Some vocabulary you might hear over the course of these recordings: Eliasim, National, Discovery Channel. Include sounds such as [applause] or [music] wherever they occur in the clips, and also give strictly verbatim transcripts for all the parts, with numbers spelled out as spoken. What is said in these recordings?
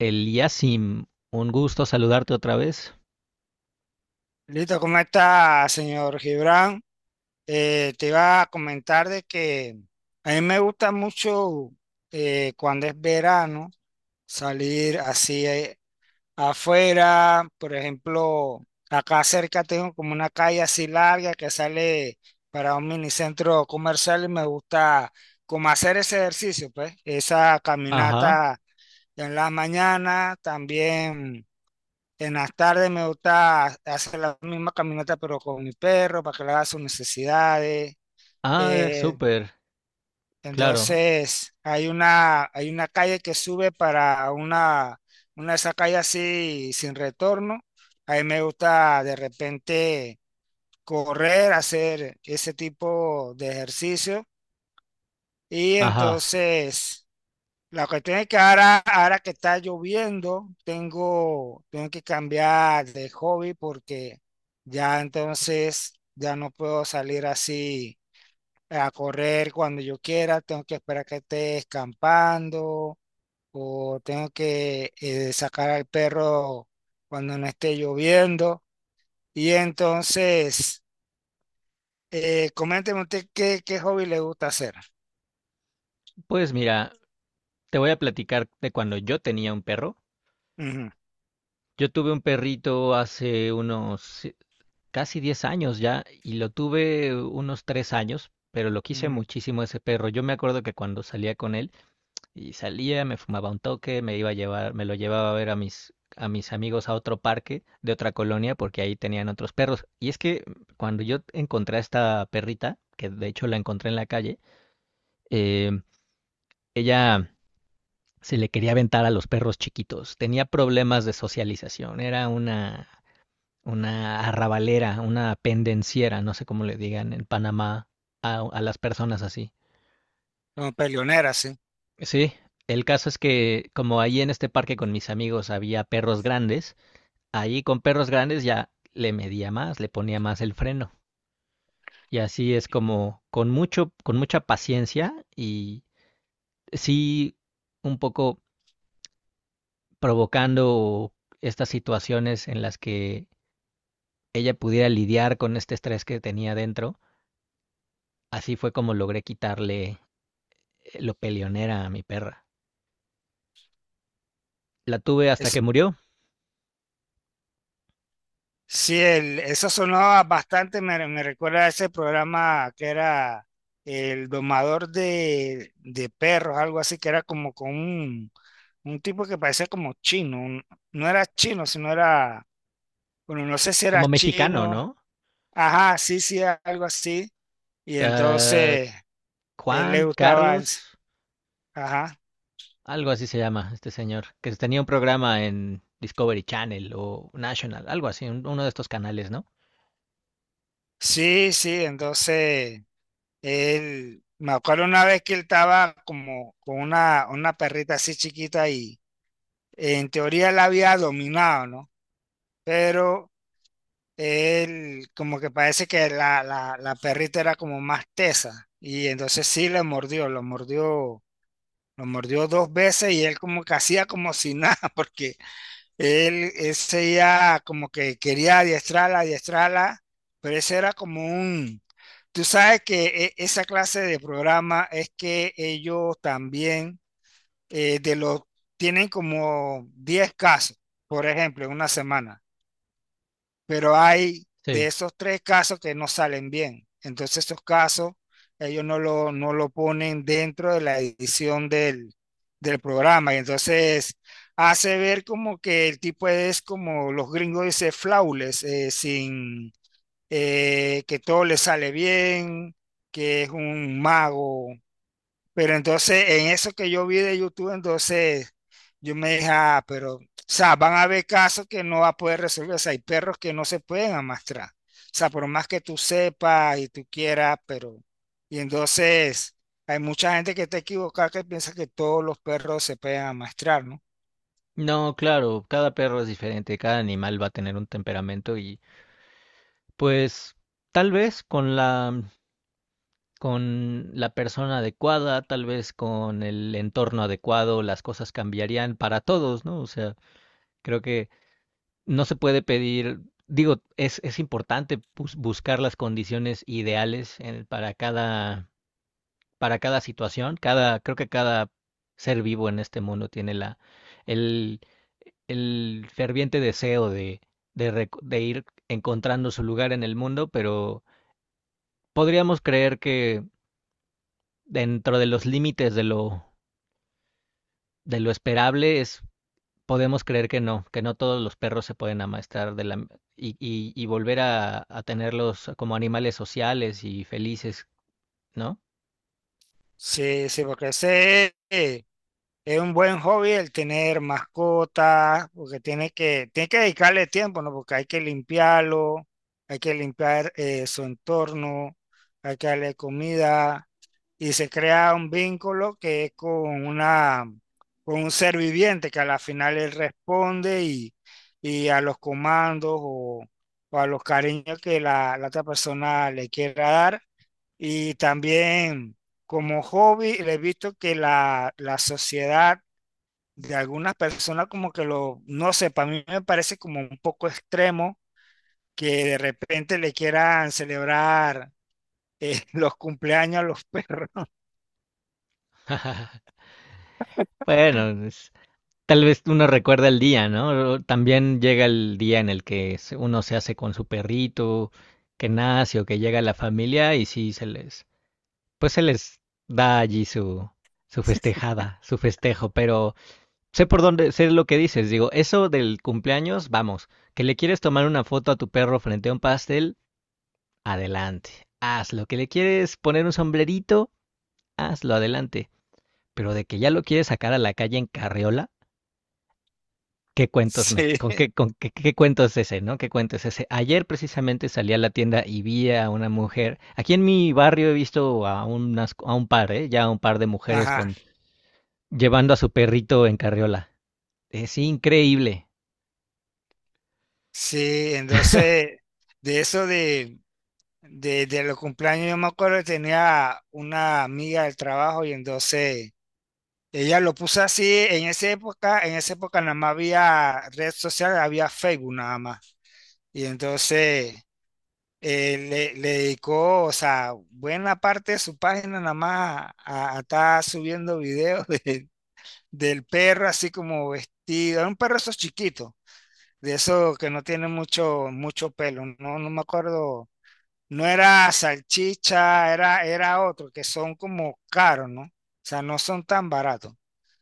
Eliasim, un gusto saludarte otra vez. Listo, ¿cómo está, señor Gibran? Eh, te iba a comentar de que a mí me gusta mucho, eh, cuando es verano, salir así, eh, afuera. Por ejemplo, acá cerca tengo como una calle así larga que sale para un minicentro comercial y me gusta como hacer ese ejercicio, pues, esa Ajá. caminata en la mañana, también. En las tardes me gusta hacer la misma caminata, pero con mi perro, para que le haga sus necesidades. Ah, Eh, súper, claro. entonces, hay una, hay una calle que sube para una, una de esas calles así sin retorno. A mí me gusta de repente correr, hacer ese tipo de ejercicio. Y Ajá. entonces, la cuestión es que ahora, ahora que está lloviendo, tengo, tengo que cambiar de hobby porque ya entonces ya no puedo salir así a correr cuando yo quiera, tengo que esperar que esté escampando o tengo que, eh, sacar al perro cuando no esté lloviendo. Y entonces, eh, coménteme usted qué, qué hobby le gusta hacer. Pues mira, te voy a platicar de cuando yo tenía un perro. Ujú, Yo tuve un perrito hace unos eh, casi diez años ya y lo tuve unos tres años, pero lo quise ujú. muchísimo ese perro. Yo me acuerdo que cuando salía con él, y salía, me fumaba un toque, me iba a llevar, me lo llevaba a ver a mis, a mis amigos a otro parque de otra colonia porque ahí tenían otros perros. Y es que cuando yo encontré a esta perrita, que de hecho la encontré en la calle, eh, ella se le quería aventar a los perros chiquitos. Tenía problemas de socialización. Era una, una arrabalera, una pendenciera, no sé cómo le digan en Panamá a, a las personas así. Como peleonera, sí. Sí, el caso es que como ahí en este parque con mis amigos había perros grandes, ahí con perros grandes ya le medía más, le ponía más el freno. Y así es como con mucho, con mucha paciencia y sí un poco provocando estas situaciones en las que ella pudiera lidiar con este estrés que tenía dentro. Así fue como logré quitarle eh, lo peleonera a mi perra. La tuve hasta que murió, Sí, el- eso sonaba bastante, me, me recuerda a ese programa que era el domador de, de perros, algo así, que era como con un, un tipo que parecía como chino. Un- no era chino, sino era, bueno, no sé si era como mexicano, chino. ¿no? Ajá, sí, sí, algo así, y Uh, entonces él le Juan, gustaba, Carlos, ens- ajá, algo así se llama este señor, que tenía un programa en Discovery Channel o National, algo así, un- uno de estos canales, ¿no? sí, sí, entonces él, me acuerdo una vez que él estaba como con una, una perrita así chiquita y en teoría él había dominado, ¿no? Pero él como que parece que la, la, la perrita era como más tesa y entonces sí le mordió, lo mordió, lo mordió dos veces y él como que hacía como si nada, [laughs] porque él, él seguía como que quería adiestrarla, adiestrarla, pero ese era como un... Tú sabes que e- esa clase de programa es que ellos también, eh, de los, tienen como diez casos, por ejemplo, en una semana, pero hay Sí. de esos tres casos que no salen bien. Entonces esos casos ellos no lo, no lo ponen dentro de la edición del, del programa. Y entonces hace ver como que el tipo es, como los gringos dicen, flawless, eh, sin eh, que todo le sale bien, que es un mago. Pero entonces, en eso que yo vi de YouTube, entonces yo me dije, ah, pero, o sea, van a haber casos que no va a poder resolver. O sea, hay perros que no se pueden amastrar. O sea, por más que tú sepas y tú quieras, pero. Y entonces, hay mucha gente que está equivocada que piensa que todos los perros se pueden amastrar, ¿no? No, claro, cada perro es diferente, cada animal va a tener un temperamento y pues tal vez con la mm, con la persona adecuada, tal vez con el entorno adecuado, las cosas cambiarían para todos, ¿no? O sea, creo que no se puede pedir, digo, es es importante bus- buscar las condiciones ideales en- para cada para cada situación, cada, creo que cada ser vivo en este mundo tiene la, el, el ferviente deseo de, de, rec- de ir encontrando su lugar en el mundo, pero podríamos creer que dentro de los límites de lo, de lo esperable es, podemos creer que no, que no todos los perros se pueden amastar de la, y, y, y volver a, a tenerlos como animales sociales y felices, ¿no? Sí, sí, porque ese es. Es un buen hobby el tener mascotas, porque tiene que, tiene que dedicarle tiempo, ¿no? Porque hay que limpiarlo, hay que limpiar, eh, su entorno, hay que darle comida y se crea un vínculo que es con una, con un ser viviente que a la final él responde y, y a los comandos o, o a los cariños que la, la otra persona le quiera dar. Y también como hobby, le he visto que la, la sociedad de algunas personas como que lo, no sé, para mí me parece como un poco extremo que de repente le quieran celebrar, eh, [laughs] los cumpleaños a los perros. [laughs] [laughs] Bueno, es- tal vez uno recuerda el día, ¿no? También llega el día en el que se- uno se hace con su perrito, que nace o que llega la familia y sí se les, pues se les da allí su, su festejada, su festejo, pero sé por dónde, sé lo que dices, digo, eso del cumpleaños, vamos, que le quieres tomar una foto a tu perro frente a un pastel, adelante, hazlo, que le quieres poner un sombrerito, hazlo, adelante, pero de que ya lo quieres sacar a la calle en carriola. ¿Qué cuentos me, Sí, con qué, con qué, ¿qué cuento es ese, ¿no? ¿Qué cuento es ese? Ayer precisamente salí a la tienda y vi a una mujer. Aquí en mi barrio he visto a unas, a un par, ¿eh? Ya un par de mujeres ajá, con llevando a su perrito en carriola. Es increíble. sí, entonces de eso de, de, de los cumpleaños yo me acuerdo que tenía una amiga del trabajo y entonces ella lo puso así en esa época. En esa época nada más había red social, había Facebook nada más. Y entonces, eh, le, le dedicó, o sea, buena parte de su página nada más a, a estar subiendo videos [laughs] de- del perro así como vestido. Era un perro esos chiquitos, de esos que no tiene mucho, mucho pelo. No, no me acuerdo. No era salchicha, era, era otro, que son como caros, ¿no? O sea, no son tan baratos.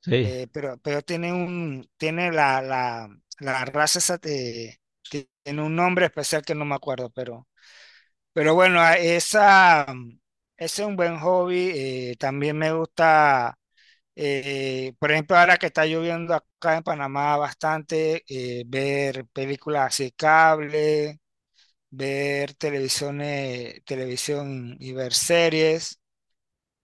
Sí. Eh, pero, pero tiene un, tiene la, la, la raza esa. Eh, tiene un nombre especial que no me acuerdo, pero pero bueno, a- esa, ese es un buen hobby. Eh, también me gusta, eh, por ejemplo, ahora que está lloviendo acá en Panamá bastante, eh, ver películas así cable, ver televisiones, televisión y ver series.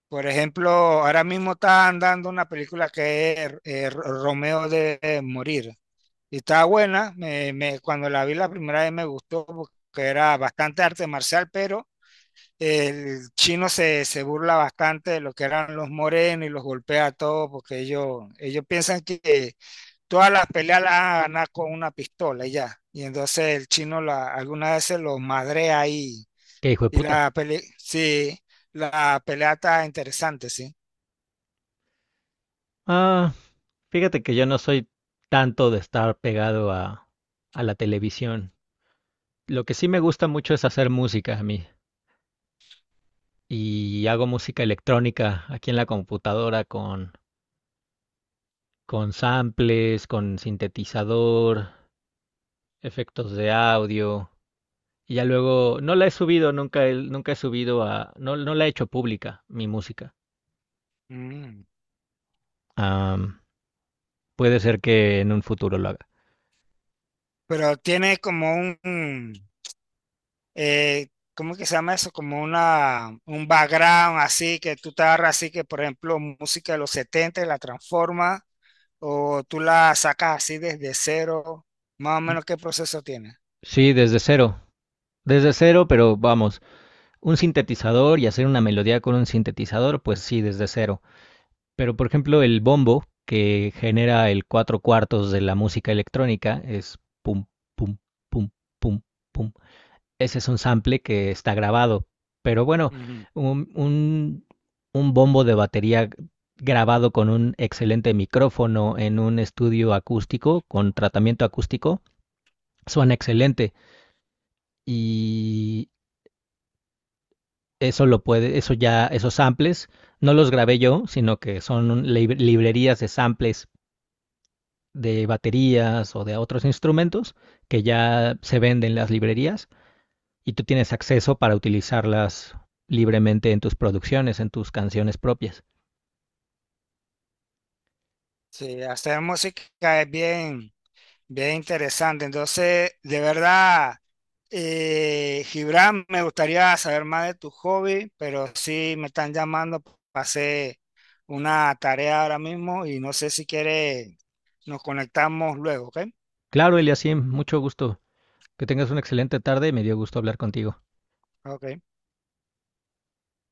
Por ejemplo, ahora mismo está andando una película que es, eh, Ro- Romeo de morir. Y está buena. Me- me- cuando la vi la primera vez me gustó porque era bastante arte marcial, pero el chino se, se burla bastante de lo que eran los morenos y los golpea a todos porque ellos, ellos piensan que todas las peleas las van a ganar con una pistola y ya. Y entonces el chino la, algunas veces los madrea ahí. Qué hijo de Y puta. la pelea, sí, la pelea está interesante, sí. Ah, fíjate que yo no soy tanto de estar pegado a, a la televisión. Lo que sí me gusta mucho es hacer música a mí. Y hago música electrónica aquí en la computadora con con samples, con sintetizador, efectos de audio. Y ya luego, no la he subido, nunca, he- nunca he subido a, no, no la he hecho pública, mi música. Mm. Am, puede ser que en un futuro lo haga. Pero tiene como un, un, eh, ¿cómo que se llama eso? Como una, un background así que tú te agarras así que, por ejemplo, música de los setenta y la transforma, o tú la sacas así desde cero, más o menos qué proceso tiene. Sí, desde cero, desde cero, pero vamos, un sintetizador y hacer una melodía con un sintetizador, pues sí, desde cero. Pero por ejemplo, el bombo, que genera el cuatro cuartos de la música electrónica, es pum, pum, pum, pum, pum, ese es un sample que está grabado. Pero bueno, Ujú. un, un, un bombo de batería grabado con un excelente micrófono en un estudio acústico, con tratamiento acústico, suena excelente. Y eso lo puede, eso ya, esos samples, no los grabé yo, sino que son librerías de samples de baterías o de otros instrumentos que ya se venden en las librerías y tú tienes acceso para utilizarlas libremente en tus producciones, en tus canciones propias. Sí, hacer música es bien, bien interesante. Entonces, de verdad, eh, Gibran, me gustaría saber más de tu hobby, pero sí me están llamando para hacer una tarea ahora mismo y no sé si quieres, nos conectamos luego, ¿ok? Claro, Eliasim, mucho gusto. Que tengas una excelente tarde y me dio gusto hablar contigo. Ok.